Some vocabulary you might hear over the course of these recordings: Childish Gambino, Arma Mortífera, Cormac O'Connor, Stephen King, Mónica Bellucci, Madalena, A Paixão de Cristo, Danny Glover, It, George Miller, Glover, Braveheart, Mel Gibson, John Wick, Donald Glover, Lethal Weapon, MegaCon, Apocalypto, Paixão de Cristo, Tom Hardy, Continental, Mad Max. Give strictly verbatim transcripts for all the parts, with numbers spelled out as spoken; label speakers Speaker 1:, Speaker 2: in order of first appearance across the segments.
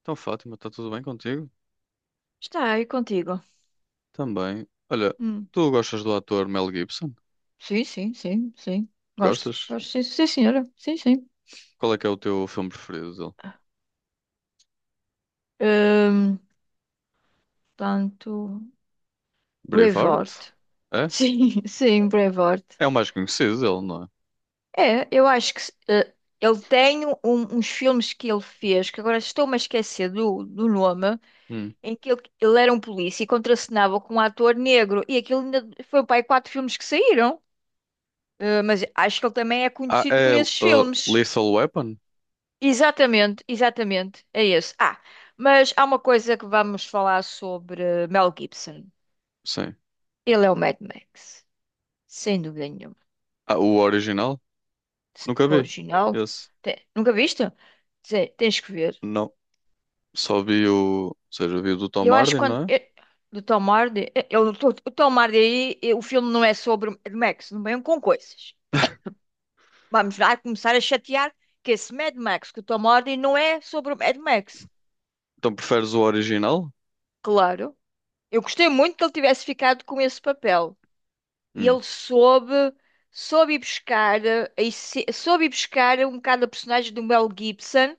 Speaker 1: Então, Fátima, está tudo bem contigo?
Speaker 2: Está aí contigo.
Speaker 1: Também. Olha,
Speaker 2: Hum.
Speaker 1: tu gostas do ator Mel Gibson?
Speaker 2: Sim, sim, sim, sim. Gosto,
Speaker 1: Gostas?
Speaker 2: gosto, sim, sim, senhora. Sim, sim.
Speaker 1: Qual é que é o teu filme preferido dele?
Speaker 2: Hum, tanto.
Speaker 1: Braveheart?
Speaker 2: Brevoort.
Speaker 1: É?
Speaker 2: Sim, sim, Brevoort.
Speaker 1: É o mais conhecido dele, não é?
Speaker 2: É, eu acho que eh, ele tem um- uns filmes que ele fez, que agora estou-me a esquecer do, do nome,
Speaker 1: Hum.
Speaker 2: em que ele, ele era um polícia e contracenava com um ator negro. E aquilo ainda foi para aí quatro filmes que saíram. Eh, mas acho que ele também é
Speaker 1: Ah,
Speaker 2: conhecido por
Speaker 1: é uh,
Speaker 2: esses filmes.
Speaker 1: Lethal Weapon?
Speaker 2: Exatamente, exatamente, é esse. Ah, mas há uma coisa que vamos falar sobre Mel Gibson.
Speaker 1: Sim.
Speaker 2: Ele é o Mad Max, sem dúvida nenhuma.
Speaker 1: Ah, o original? Nunca vi.
Speaker 2: Original.
Speaker 1: Esse?
Speaker 2: Te- Nunca viste? Te- Tens que ver.
Speaker 1: Não. Só vi o, ou seja, vi o do Tom
Speaker 2: Eu acho que
Speaker 1: Hardy,
Speaker 2: quando.
Speaker 1: não é?
Speaker 2: eh, Do Tom Hardy. eh, ele- o o Tom Hardy aí, eh, o filme não é sobre Mad Max, não vem com coisas. Vamos lá começar a chatear que esse Mad Max, que o Tom Hardy não é sobre o Mad Max.
Speaker 1: Então preferes o original?
Speaker 2: Claro. Eu gostei muito que ele tivesse ficado com esse papel. E
Speaker 1: Hum.
Speaker 2: ele soube, soube ir buscar, eh, a esse- soube ir buscar um bocado a personagem do Mel Gibson.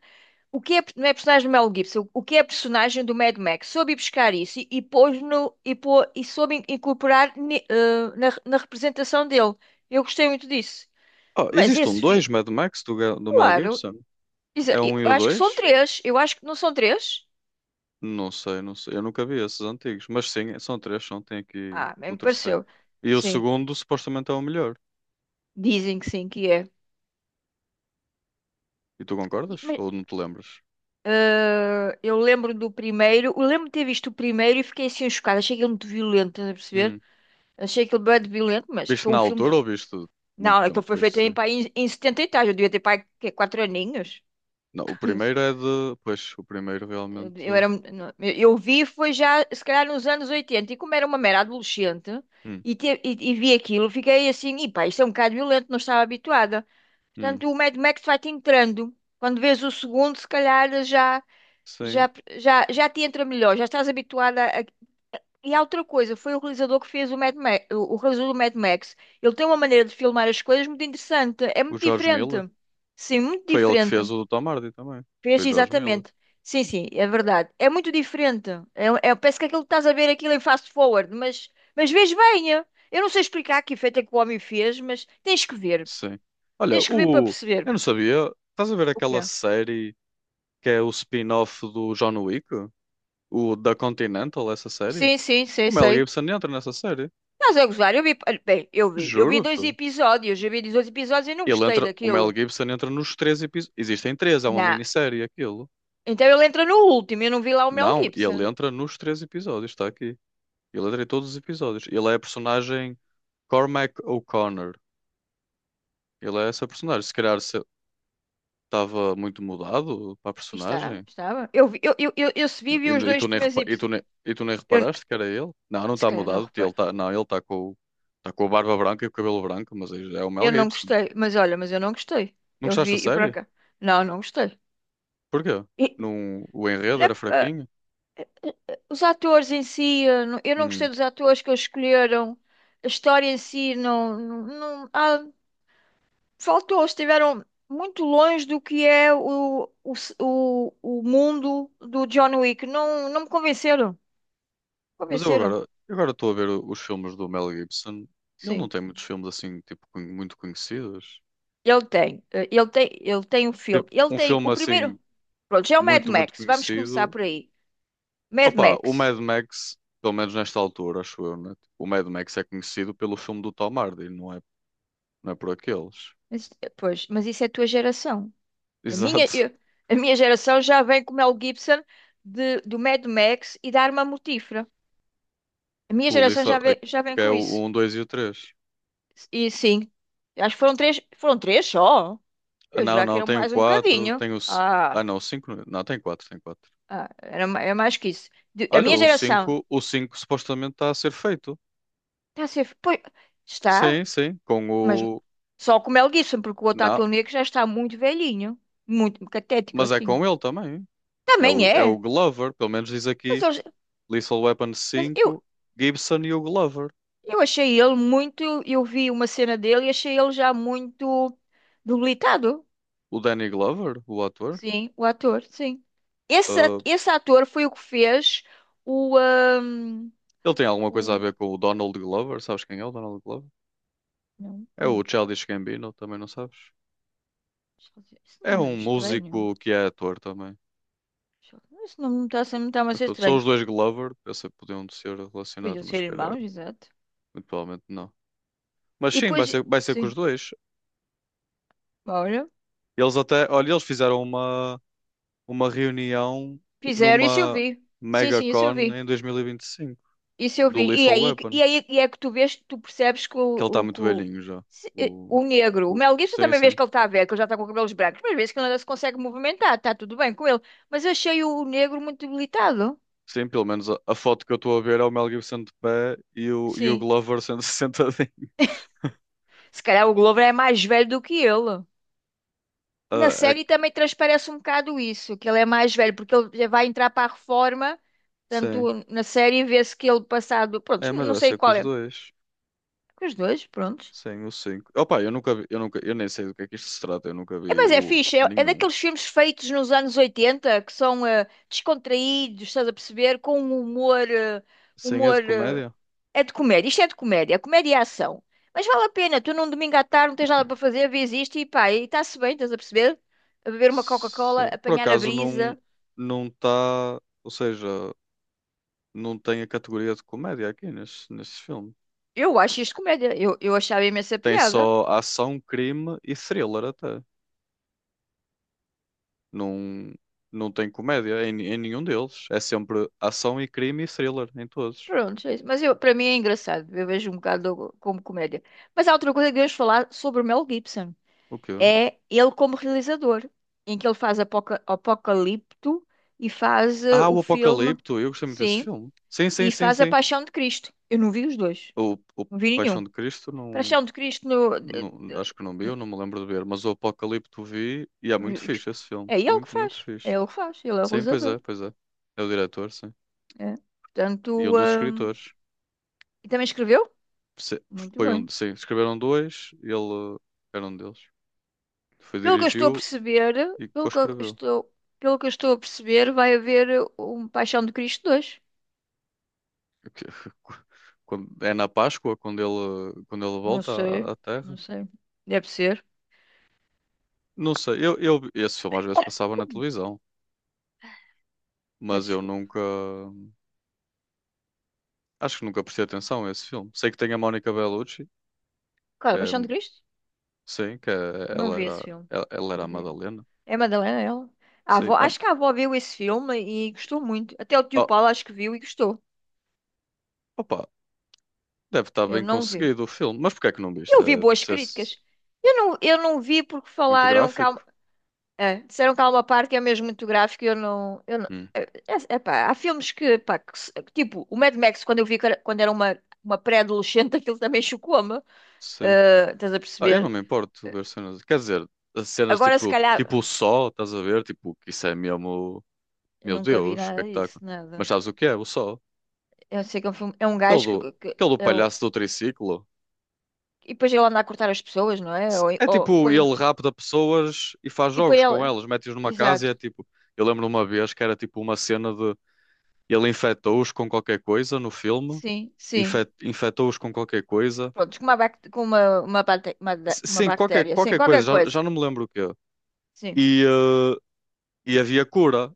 Speaker 2: O que é, não é personagem do Mel Gibson, o que é a personagem do Mad Max? Soube ir buscar isso e, e pôs no, e, pô, e soube in- incorporar ni- eh, na, na representação dele. Eu gostei muito disso.
Speaker 1: Oh,
Speaker 2: Mas
Speaker 1: existe um
Speaker 2: esse filme,
Speaker 1: dois Mad Max do, Ga- do Mel
Speaker 2: claro,
Speaker 1: Gibson?
Speaker 2: isso-
Speaker 1: É um e
Speaker 2: eu
Speaker 1: o
Speaker 2: acho que são
Speaker 1: dois?
Speaker 2: três. Eu acho que não são três.
Speaker 1: Não sei, não sei. Eu nunca vi esses antigos. Mas sim, são três, são. Tem aqui
Speaker 2: Ah, bem
Speaker 1: o
Speaker 2: me
Speaker 1: terceiro.
Speaker 2: pareceu.
Speaker 1: E o
Speaker 2: Sim,
Speaker 1: segundo supostamente é o melhor.
Speaker 2: dizem que sim, que
Speaker 1: E tu concordas?
Speaker 2: é.
Speaker 1: Ou não te lembras?
Speaker 2: Ah, eu lembro do primeiro, eu lembro de ter visto o primeiro e fiquei assim chocada. Achei aquilo muito violento, estás a perceber?
Speaker 1: Hum.
Speaker 2: Achei aquilo bem violento, mas
Speaker 1: Viste
Speaker 2: para
Speaker 1: na
Speaker 2: um filme.
Speaker 1: altura ou viste
Speaker 2: Não,
Speaker 1: muito tempo
Speaker 2: aquilo foi
Speaker 1: depois de
Speaker 2: feito em,
Speaker 1: sair?
Speaker 2: pá, em, em setenta e tal. Eu devia ter pai quê, quatro aninhos.
Speaker 1: Não, o primeiro é de. Pois, o primeiro
Speaker 2: Eu
Speaker 1: realmente.
Speaker 2: eu era, não, eu eu vi foi já, se calhar, nos anos oitenta. E como era uma mera adolescente
Speaker 1: Hum,
Speaker 2: e, te- e, e vi aquilo, fiquei assim: e pá, isto é um bocado violento, não estava habituada.
Speaker 1: hum.
Speaker 2: Portanto, o Mad Max vai-te entrando. Quando vês o segundo, se calhar já
Speaker 1: Sim.
Speaker 2: já, já, já te entra melhor, já estás habituada. E há outra coisa, foi o realizador que fez o Mad Max, o o realizador do Mad Max. Ele tem uma maneira de filmar as coisas muito interessante. É
Speaker 1: O
Speaker 2: muito
Speaker 1: George
Speaker 2: diferente.
Speaker 1: Miller.
Speaker 2: Sim, muito
Speaker 1: Foi ele que
Speaker 2: diferente.
Speaker 1: fez o do Tom Hardy também. Foi
Speaker 2: Fez
Speaker 1: o George Miller.
Speaker 2: exatamente. Sim, sim, é verdade. É muito diferente. É, é- parece que aquilo que estás a ver aquilo em fast forward, mas, mas vês bem. É? Eu não sei explicar que efeito é que o homem fez, mas tens que ver.
Speaker 1: Sim. Olha,
Speaker 2: Tens que ver para
Speaker 1: o.
Speaker 2: perceber
Speaker 1: Eu não sabia. Estás a ver
Speaker 2: o que
Speaker 1: aquela
Speaker 2: é.
Speaker 1: série que é o spin-off do John Wick? O da Continental, essa série?
Speaker 2: Sim, sim,
Speaker 1: O
Speaker 2: sei,
Speaker 1: Mel
Speaker 2: sei.
Speaker 1: Gibson entra nessa série.
Speaker 2: Estás a gozar? Eu vi, olha, bem, eu vi. Eu vi dois
Speaker 1: Juro-te.
Speaker 2: episódios, eu vi dois episódios e não
Speaker 1: Ele
Speaker 2: gostei
Speaker 1: entra, o Mel
Speaker 2: daquilo.
Speaker 1: Gibson entra nos três episódios. Existem três, é uma
Speaker 2: Não.
Speaker 1: minissérie aquilo.
Speaker 2: Então ele entra no último, eu não vi lá o Mel
Speaker 1: Não, ele
Speaker 2: Gibson.
Speaker 1: entra nos três episódios, está aqui. Ele entra em todos os episódios. Ele é a personagem Cormac O'Connor. Ele é essa personagem. Se calhar estava muito mudado para a
Speaker 2: E Está,
Speaker 1: personagem.
Speaker 2: estava. Eu vi, eu, eu, eu, eu se vi, vi
Speaker 1: E,
Speaker 2: os
Speaker 1: e tu
Speaker 2: dois
Speaker 1: nem,
Speaker 2: primeiros
Speaker 1: repa- e, tu
Speaker 2: episódios.
Speaker 1: nem, e tu nem
Speaker 2: Eu,
Speaker 1: reparaste que era ele? Não, não
Speaker 2: se
Speaker 1: está
Speaker 2: calhar não
Speaker 1: mudado. Ele
Speaker 2: reparo.
Speaker 1: tá, não, ele está com, tá com a barba branca e o cabelo branco, mas é é o Mel
Speaker 2: Eu não
Speaker 1: Gibson.
Speaker 2: gostei, mas olha, mas eu não gostei.
Speaker 1: Não
Speaker 2: Eu
Speaker 1: gostaste
Speaker 2: vi
Speaker 1: da
Speaker 2: e por
Speaker 1: série?
Speaker 2: cá, não, não gostei.
Speaker 1: Porquê?
Speaker 2: E,
Speaker 1: Não, o enredo
Speaker 2: né,
Speaker 1: era
Speaker 2: ah,
Speaker 1: fraquinho?
Speaker 2: os atores em si, eu não, eu não gostei
Speaker 1: Hum.
Speaker 2: dos atores que eles escolheram. A história em si não, não, não-, ah, faltou, estiveram muito longe do que é o, o, o, o mundo do John Wick. Não, não me convenceram.
Speaker 1: Mas eu
Speaker 2: Convenceram.
Speaker 1: agora, eu agora estou a ver o- os filmes do Mel Gibson. Ele não
Speaker 2: Sim.
Speaker 1: tem muitos filmes assim, tipo, con- muito conhecidos.
Speaker 2: Ele tem, eh, ele tem, ele tem um filme,
Speaker 1: Tipo,
Speaker 2: ele
Speaker 1: um
Speaker 2: tem
Speaker 1: filme
Speaker 2: o
Speaker 1: assim,
Speaker 2: primeiro. Pronto, já é o Mad
Speaker 1: muito, muito
Speaker 2: Max, vamos começar
Speaker 1: conhecido.
Speaker 2: por aí. Mad
Speaker 1: Opa, o
Speaker 2: Max.
Speaker 1: Mad Max, pelo menos nesta altura, acho eu, né? O Mad Max é conhecido pelo filme do Tom Hardy, não é, não é por aqueles.
Speaker 2: Mas, eh, pois, mas isso é a tua geração. A minha,
Speaker 1: Exato.
Speaker 2: eu- a minha geração já vem com o Mel Gibson de, do Mad Max e da Arma Mortífera. A minha
Speaker 1: O
Speaker 2: geração
Speaker 1: Lisa,
Speaker 2: já vem, já vem
Speaker 1: que é
Speaker 2: com
Speaker 1: o
Speaker 2: isso.
Speaker 1: um, dois e o três.
Speaker 2: E sim, acho que foram três, foram três só.
Speaker 1: Ah,
Speaker 2: Eu
Speaker 1: não,
Speaker 2: já que
Speaker 1: não,
Speaker 2: era
Speaker 1: tem o
Speaker 2: mais um
Speaker 1: quatro,
Speaker 2: bocadinho.
Speaker 1: tem o. c- ah,
Speaker 2: Ah,
Speaker 1: não, o cinco. Não, tem quatro tem quatro.
Speaker 2: ah, era, ma- era mais que isso. De- a
Speaker 1: Olha,
Speaker 2: minha
Speaker 1: o
Speaker 2: geração
Speaker 1: cinco, o cinco supostamente está a ser feito.
Speaker 2: está a ser. Pois, está.
Speaker 1: Sim, sim, com
Speaker 2: Mas
Speaker 1: o.
Speaker 2: só com o Mel Gibson, porque o outro
Speaker 1: Não,
Speaker 2: ator negro já está muito velhinho, muito catético
Speaker 1: mas é
Speaker 2: assim.
Speaker 1: com ele também. É
Speaker 2: Também
Speaker 1: o, é o
Speaker 2: é,
Speaker 1: Glover, pelo menos diz
Speaker 2: mas,
Speaker 1: aqui
Speaker 2: eu,
Speaker 1: Lethal Weapon
Speaker 2: mas eu,
Speaker 1: cinco, Gibson e o Glover.
Speaker 2: eu achei ele muito. Eu vi uma cena dele e achei ele já muito debilitado.
Speaker 1: O Danny Glover, o ator.
Speaker 2: Sim, o ator, sim. Esse, a-
Speaker 1: ah,
Speaker 2: esse ator foi o que fez o. ahm,
Speaker 1: ele tem alguma coisa a
Speaker 2: o
Speaker 1: ver com o Donald Glover? Sabes quem é o Donald Glover?
Speaker 2: não,
Speaker 1: É o
Speaker 2: quem?
Speaker 1: Childish Gambino, também não sabes?
Speaker 2: Deixa eu ver. Esse
Speaker 1: É
Speaker 2: nome não é
Speaker 1: um
Speaker 2: estranho.
Speaker 1: músico que é ator também.
Speaker 2: Deixa eu ver. Esse nome não está a ser- não está
Speaker 1: Mas
Speaker 2: mais
Speaker 1: pronto, são
Speaker 2: estranho.
Speaker 1: os dois Glover, pensei que podiam ser relacionados,
Speaker 2: Podiam
Speaker 1: mas
Speaker 2: ser
Speaker 1: se calhar,
Speaker 2: irmãos, exato.
Speaker 1: muito provavelmente não. Mas
Speaker 2: E
Speaker 1: sim, vai
Speaker 2: depois,
Speaker 1: ser, vai ser com os
Speaker 2: sim,
Speaker 1: dois. Eles até, olha, eles fizeram uma, uma, reunião
Speaker 2: fizeram, isso eu
Speaker 1: numa
Speaker 2: vi. Sim, sim, isso eu
Speaker 1: MegaCon
Speaker 2: vi.
Speaker 1: em dois mil e vinte e cinco
Speaker 2: Isso eu
Speaker 1: do
Speaker 2: vi. E
Speaker 1: Lethal
Speaker 2: aí,
Speaker 1: Weapon,
Speaker 2: e aí e é que tu vês, tu percebes que o,
Speaker 1: que ele está
Speaker 2: o,
Speaker 1: muito
Speaker 2: que o,
Speaker 1: velhinho já.
Speaker 2: se- eh,
Speaker 1: O,
Speaker 2: o negro, o
Speaker 1: o-
Speaker 2: Mel Gibson
Speaker 1: sim,
Speaker 2: também vês
Speaker 1: sim.
Speaker 2: que ele está a ver, que ele já está com cabelos brancos, mas vês que ele ainda se consegue movimentar, está tudo bem com ele. Mas achei o, o negro muito debilitado.
Speaker 1: Sim, pelo menos a, a foto que eu estou a ver é o Mel Gibson de pé e o, e o
Speaker 2: Sim.
Speaker 1: Glover sendo sentadinho.
Speaker 2: Se calhar o Glover é mais velho do que ele. Na
Speaker 1: Ah, é
Speaker 2: série
Speaker 1: que-
Speaker 2: também transparece um bocado isso, que ele é mais velho, porque ele já vai entrar para a reforma,
Speaker 1: sim.
Speaker 2: tanto na série vê-se que ele passado, pronto,
Speaker 1: É, mas
Speaker 2: não
Speaker 1: vai
Speaker 2: sei
Speaker 1: ser com
Speaker 2: qual
Speaker 1: os
Speaker 2: é,
Speaker 1: dois.
Speaker 2: os dois, pronto.
Speaker 1: Sim, o cinco. Opa, eu nunca vi, eu nunca, eu nem sei do que é que isto se trata, eu nunca
Speaker 2: É,
Speaker 1: vi
Speaker 2: mas é
Speaker 1: o
Speaker 2: fixe, é, é
Speaker 1: nenhum.
Speaker 2: daqueles filmes feitos nos anos oitenta que são eh, descontraídos, estás a perceber? Com um humor. eh,
Speaker 1: Sim, é de
Speaker 2: humor. eh,
Speaker 1: comédia?
Speaker 2: é de comédia, isto é de comédia, comédia é ação. Mas vale a pena, tu num domingo à tarde não tens nada para fazer, vês isto e pá, e está-se bem, estás a perceber? A beber uma Coca-Cola,
Speaker 1: Sim, por
Speaker 2: apanhar a
Speaker 1: acaso não
Speaker 2: brisa.
Speaker 1: não está, ou seja, não tem a categoria de comédia aqui neste, neste, filme.
Speaker 2: Eu acho isto comédia, eu, eu achava imensa
Speaker 1: Tem
Speaker 2: piada.
Speaker 1: só ação, crime e thriller até. Não não tem comédia em, em nenhum deles. É sempre ação e crime e thriller em todos.
Speaker 2: Pronto, é isso. Mas eu, para mim é engraçado, eu vejo um bocado como comédia. Mas há outra coisa que devemos falar sobre o Mel Gibson.
Speaker 1: O quê?
Speaker 2: É ele como realizador, em que ele faz Apoca- Apocalipto e faz eh,
Speaker 1: Ah,
Speaker 2: o
Speaker 1: o
Speaker 2: filme,
Speaker 1: Apocalipto, eu gostei muito desse
Speaker 2: sim,
Speaker 1: filme. Sim, sim,
Speaker 2: e
Speaker 1: sim,
Speaker 2: faz A
Speaker 1: sim.
Speaker 2: Paixão de Cristo. Eu não vi os dois,
Speaker 1: O, o
Speaker 2: não vi
Speaker 1: Paixão
Speaker 2: nenhum.
Speaker 1: de Cristo não,
Speaker 2: Paixão de Cristo no, de-
Speaker 1: não
Speaker 2: de-
Speaker 1: acho que não vi,
Speaker 2: n-
Speaker 1: eu não me lembro de ver, mas o Apocalipto vi e é muito fixe esse filme,
Speaker 2: é ele que
Speaker 1: muito, muito
Speaker 2: faz, é
Speaker 1: fixe.
Speaker 2: ele que faz, ele é o
Speaker 1: Sim, pois é,
Speaker 2: realizador.
Speaker 1: pois é. É o diretor, sim.
Speaker 2: É.
Speaker 1: E
Speaker 2: Portanto,
Speaker 1: um dos
Speaker 2: hum,
Speaker 1: escritores.
Speaker 2: e também escreveu?
Speaker 1: Se-
Speaker 2: Muito
Speaker 1: Foi um,
Speaker 2: bem.
Speaker 1: sim, escreveram dois, ele uh, era um deles. Foi,
Speaker 2: Pelo que eu estou
Speaker 1: dirigiu
Speaker 2: a perceber,
Speaker 1: e
Speaker 2: pelo que eu
Speaker 1: co-escreveu.
Speaker 2: estou, pelo que eu estou a perceber, vai haver um Paixão de Cristo dois.
Speaker 1: Que- quando- É na Páscoa, quando ele, quando ele,
Speaker 2: Não
Speaker 1: volta à,
Speaker 2: sei,
Speaker 1: à Terra.
Speaker 2: não sei. Deve ser.
Speaker 1: Não sei, eu, eu, esse filme às vezes passava na televisão,
Speaker 2: Peço
Speaker 1: mas eu
Speaker 2: desculpa.
Speaker 1: nunca, acho que nunca prestei atenção a esse filme. Sei que tem a Mónica Bellucci,
Speaker 2: Claro,
Speaker 1: que
Speaker 2: é?
Speaker 1: é-
Speaker 2: Paixão de Cristo?
Speaker 1: sim, que é-
Speaker 2: Não
Speaker 1: ela
Speaker 2: vi esse
Speaker 1: era,
Speaker 2: filme.
Speaker 1: ela, ela era
Speaker 2: Não
Speaker 1: a
Speaker 2: vi.
Speaker 1: Madalena.
Speaker 2: É a Madalena, é ela? A
Speaker 1: Sim.
Speaker 2: avó,
Speaker 1: Ah,
Speaker 2: acho que a avó viu esse filme e gostou muito. Até o tio
Speaker 1: oh,
Speaker 2: Paulo acho que viu e gostou.
Speaker 1: opa, deve estar
Speaker 2: Eu
Speaker 1: bem
Speaker 2: não vi.
Speaker 1: conseguido o filme. Mas porquê é que não viste?
Speaker 2: Eu vi
Speaker 1: É
Speaker 2: boas
Speaker 1: processo
Speaker 2: críticas. Eu não, eu não vi porque
Speaker 1: muito
Speaker 2: falaram que há,
Speaker 1: gráfico?
Speaker 2: uma- é, disseram que há uma parte que é mesmo muito gráfica e eu não... Eu não
Speaker 1: Hum,
Speaker 2: é, é, é pá, há filmes que, pá, que se- que tipo, o Mad Max, quando eu vi que era- quando era uma, uma, pré-adolescente, aquilo também chocou-me.
Speaker 1: sei.
Speaker 2: Eh, estás a
Speaker 1: Ah, eu não
Speaker 2: perceber?
Speaker 1: me importo de ver cenas. Quer dizer, as cenas
Speaker 2: Agora, se
Speaker 1: tipo,
Speaker 2: calhar...
Speaker 1: tipo o Sol, estás a ver? Tipo, que isso é mesmo.
Speaker 2: Eu
Speaker 1: Meu
Speaker 2: nunca vi
Speaker 1: Deus, o que
Speaker 2: nada
Speaker 1: é que está.
Speaker 2: disso,
Speaker 1: Mas
Speaker 2: nada.
Speaker 1: sabes o que é? O Sol.
Speaker 2: Eu sei que é um filme, é um
Speaker 1: Aquele
Speaker 2: gajo que,
Speaker 1: do,
Speaker 2: que, que
Speaker 1: aquele do
Speaker 2: é o-
Speaker 1: palhaço do triciclo.
Speaker 2: e depois ele anda a cortar as pessoas, não é?
Speaker 1: Se-
Speaker 2: Ou,
Speaker 1: É
Speaker 2: ou,
Speaker 1: tipo,
Speaker 2: põe-
Speaker 1: ele rapta pessoas e faz
Speaker 2: e põe
Speaker 1: jogos com
Speaker 2: ele.
Speaker 1: elas, mete-os numa casa e é
Speaker 2: Exato.
Speaker 1: tipo. Eu lembro uma vez que era tipo uma cena de. Ele infectou-os com qualquer coisa no filme,
Speaker 2: Sim, sim.
Speaker 1: infec- infectou-os com qualquer coisa.
Speaker 2: Pronto, com uma, bac- com uma, uma, bate- uma, da-
Speaker 1: S-
Speaker 2: uma
Speaker 1: Sim, qualquer,
Speaker 2: bactéria. Sim,
Speaker 1: qualquer coisa,
Speaker 2: qualquer
Speaker 1: já,
Speaker 2: coisa.
Speaker 1: já não me lembro o quê.
Speaker 2: Sim,
Speaker 1: E, eh, e havia cura,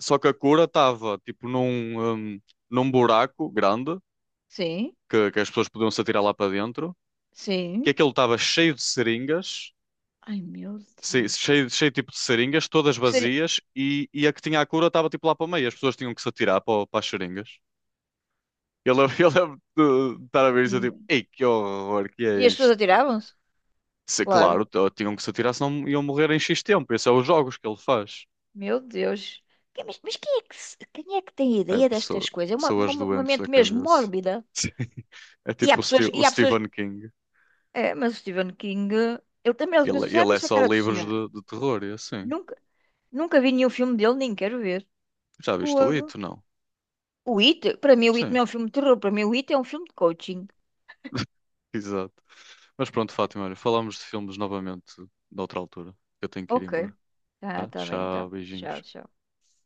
Speaker 1: só que a cura estava tipo num, hum, num buraco grande
Speaker 2: sim,
Speaker 1: que, que as pessoas podiam se atirar lá para dentro, que
Speaker 2: sim.
Speaker 1: aquilo estava cheio de seringas,
Speaker 2: Ai, meu
Speaker 1: se-
Speaker 2: Deus.
Speaker 1: cheio, cheio tipo de seringas, todas
Speaker 2: Seria-
Speaker 1: vazias, e, e a que tinha a cura estava tipo lá para o meio, as pessoas tinham que se atirar para, o- para as seringas. Eu lembro, eu lembro de de estar a ver isso, eu tipo,
Speaker 2: Hum.
Speaker 1: ei, que horror, que
Speaker 2: E
Speaker 1: é
Speaker 2: as pessoas
Speaker 1: isto?
Speaker 2: atiravam-se?
Speaker 1: Se,
Speaker 2: Claro.
Speaker 1: claro, t- tinham que se atirar, senão iam morrer em X tempo, esses são os jogos que ele faz.
Speaker 2: Meu Deus. Que- Mas, mas quem é que, se- quem é que tem
Speaker 1: É
Speaker 2: ideia destas
Speaker 1: pessoa-
Speaker 2: coisas? É uma,
Speaker 1: pessoas
Speaker 2: uma, uma
Speaker 1: doentes da
Speaker 2: mente mesmo
Speaker 1: cabeça.
Speaker 2: mórbida.
Speaker 1: É
Speaker 2: E há
Speaker 1: tipo o,
Speaker 2: pessoas,
Speaker 1: Ste-
Speaker 2: e
Speaker 1: o
Speaker 2: há pessoas.
Speaker 1: Stephen King.
Speaker 2: É, mas o Stephen King, ele também, ele
Speaker 1: Ele,
Speaker 2: mesmo, já
Speaker 1: ele é
Speaker 2: viste a
Speaker 1: só
Speaker 2: cara do
Speaker 1: livros
Speaker 2: senhor?
Speaker 1: de, de terror e é assim.
Speaker 2: Nunca, nunca vi nenhum filme dele, nem quero ver.
Speaker 1: Já viste o
Speaker 2: Fogo.
Speaker 1: It? Não.
Speaker 2: O It, para mim o It não
Speaker 1: Sim,
Speaker 2: é um filme de terror, para mim o It é um filme de coaching.
Speaker 1: exato. Mas pronto, Fátima, olha, falamos de filmes novamente noutra altura. Eu tenho que ir
Speaker 2: Ok.
Speaker 1: embora.
Speaker 2: Tá,
Speaker 1: Tá?
Speaker 2: tá bem,
Speaker 1: Tchau,
Speaker 2: então. Tchau,
Speaker 1: beijinhos.
Speaker 2: tchau.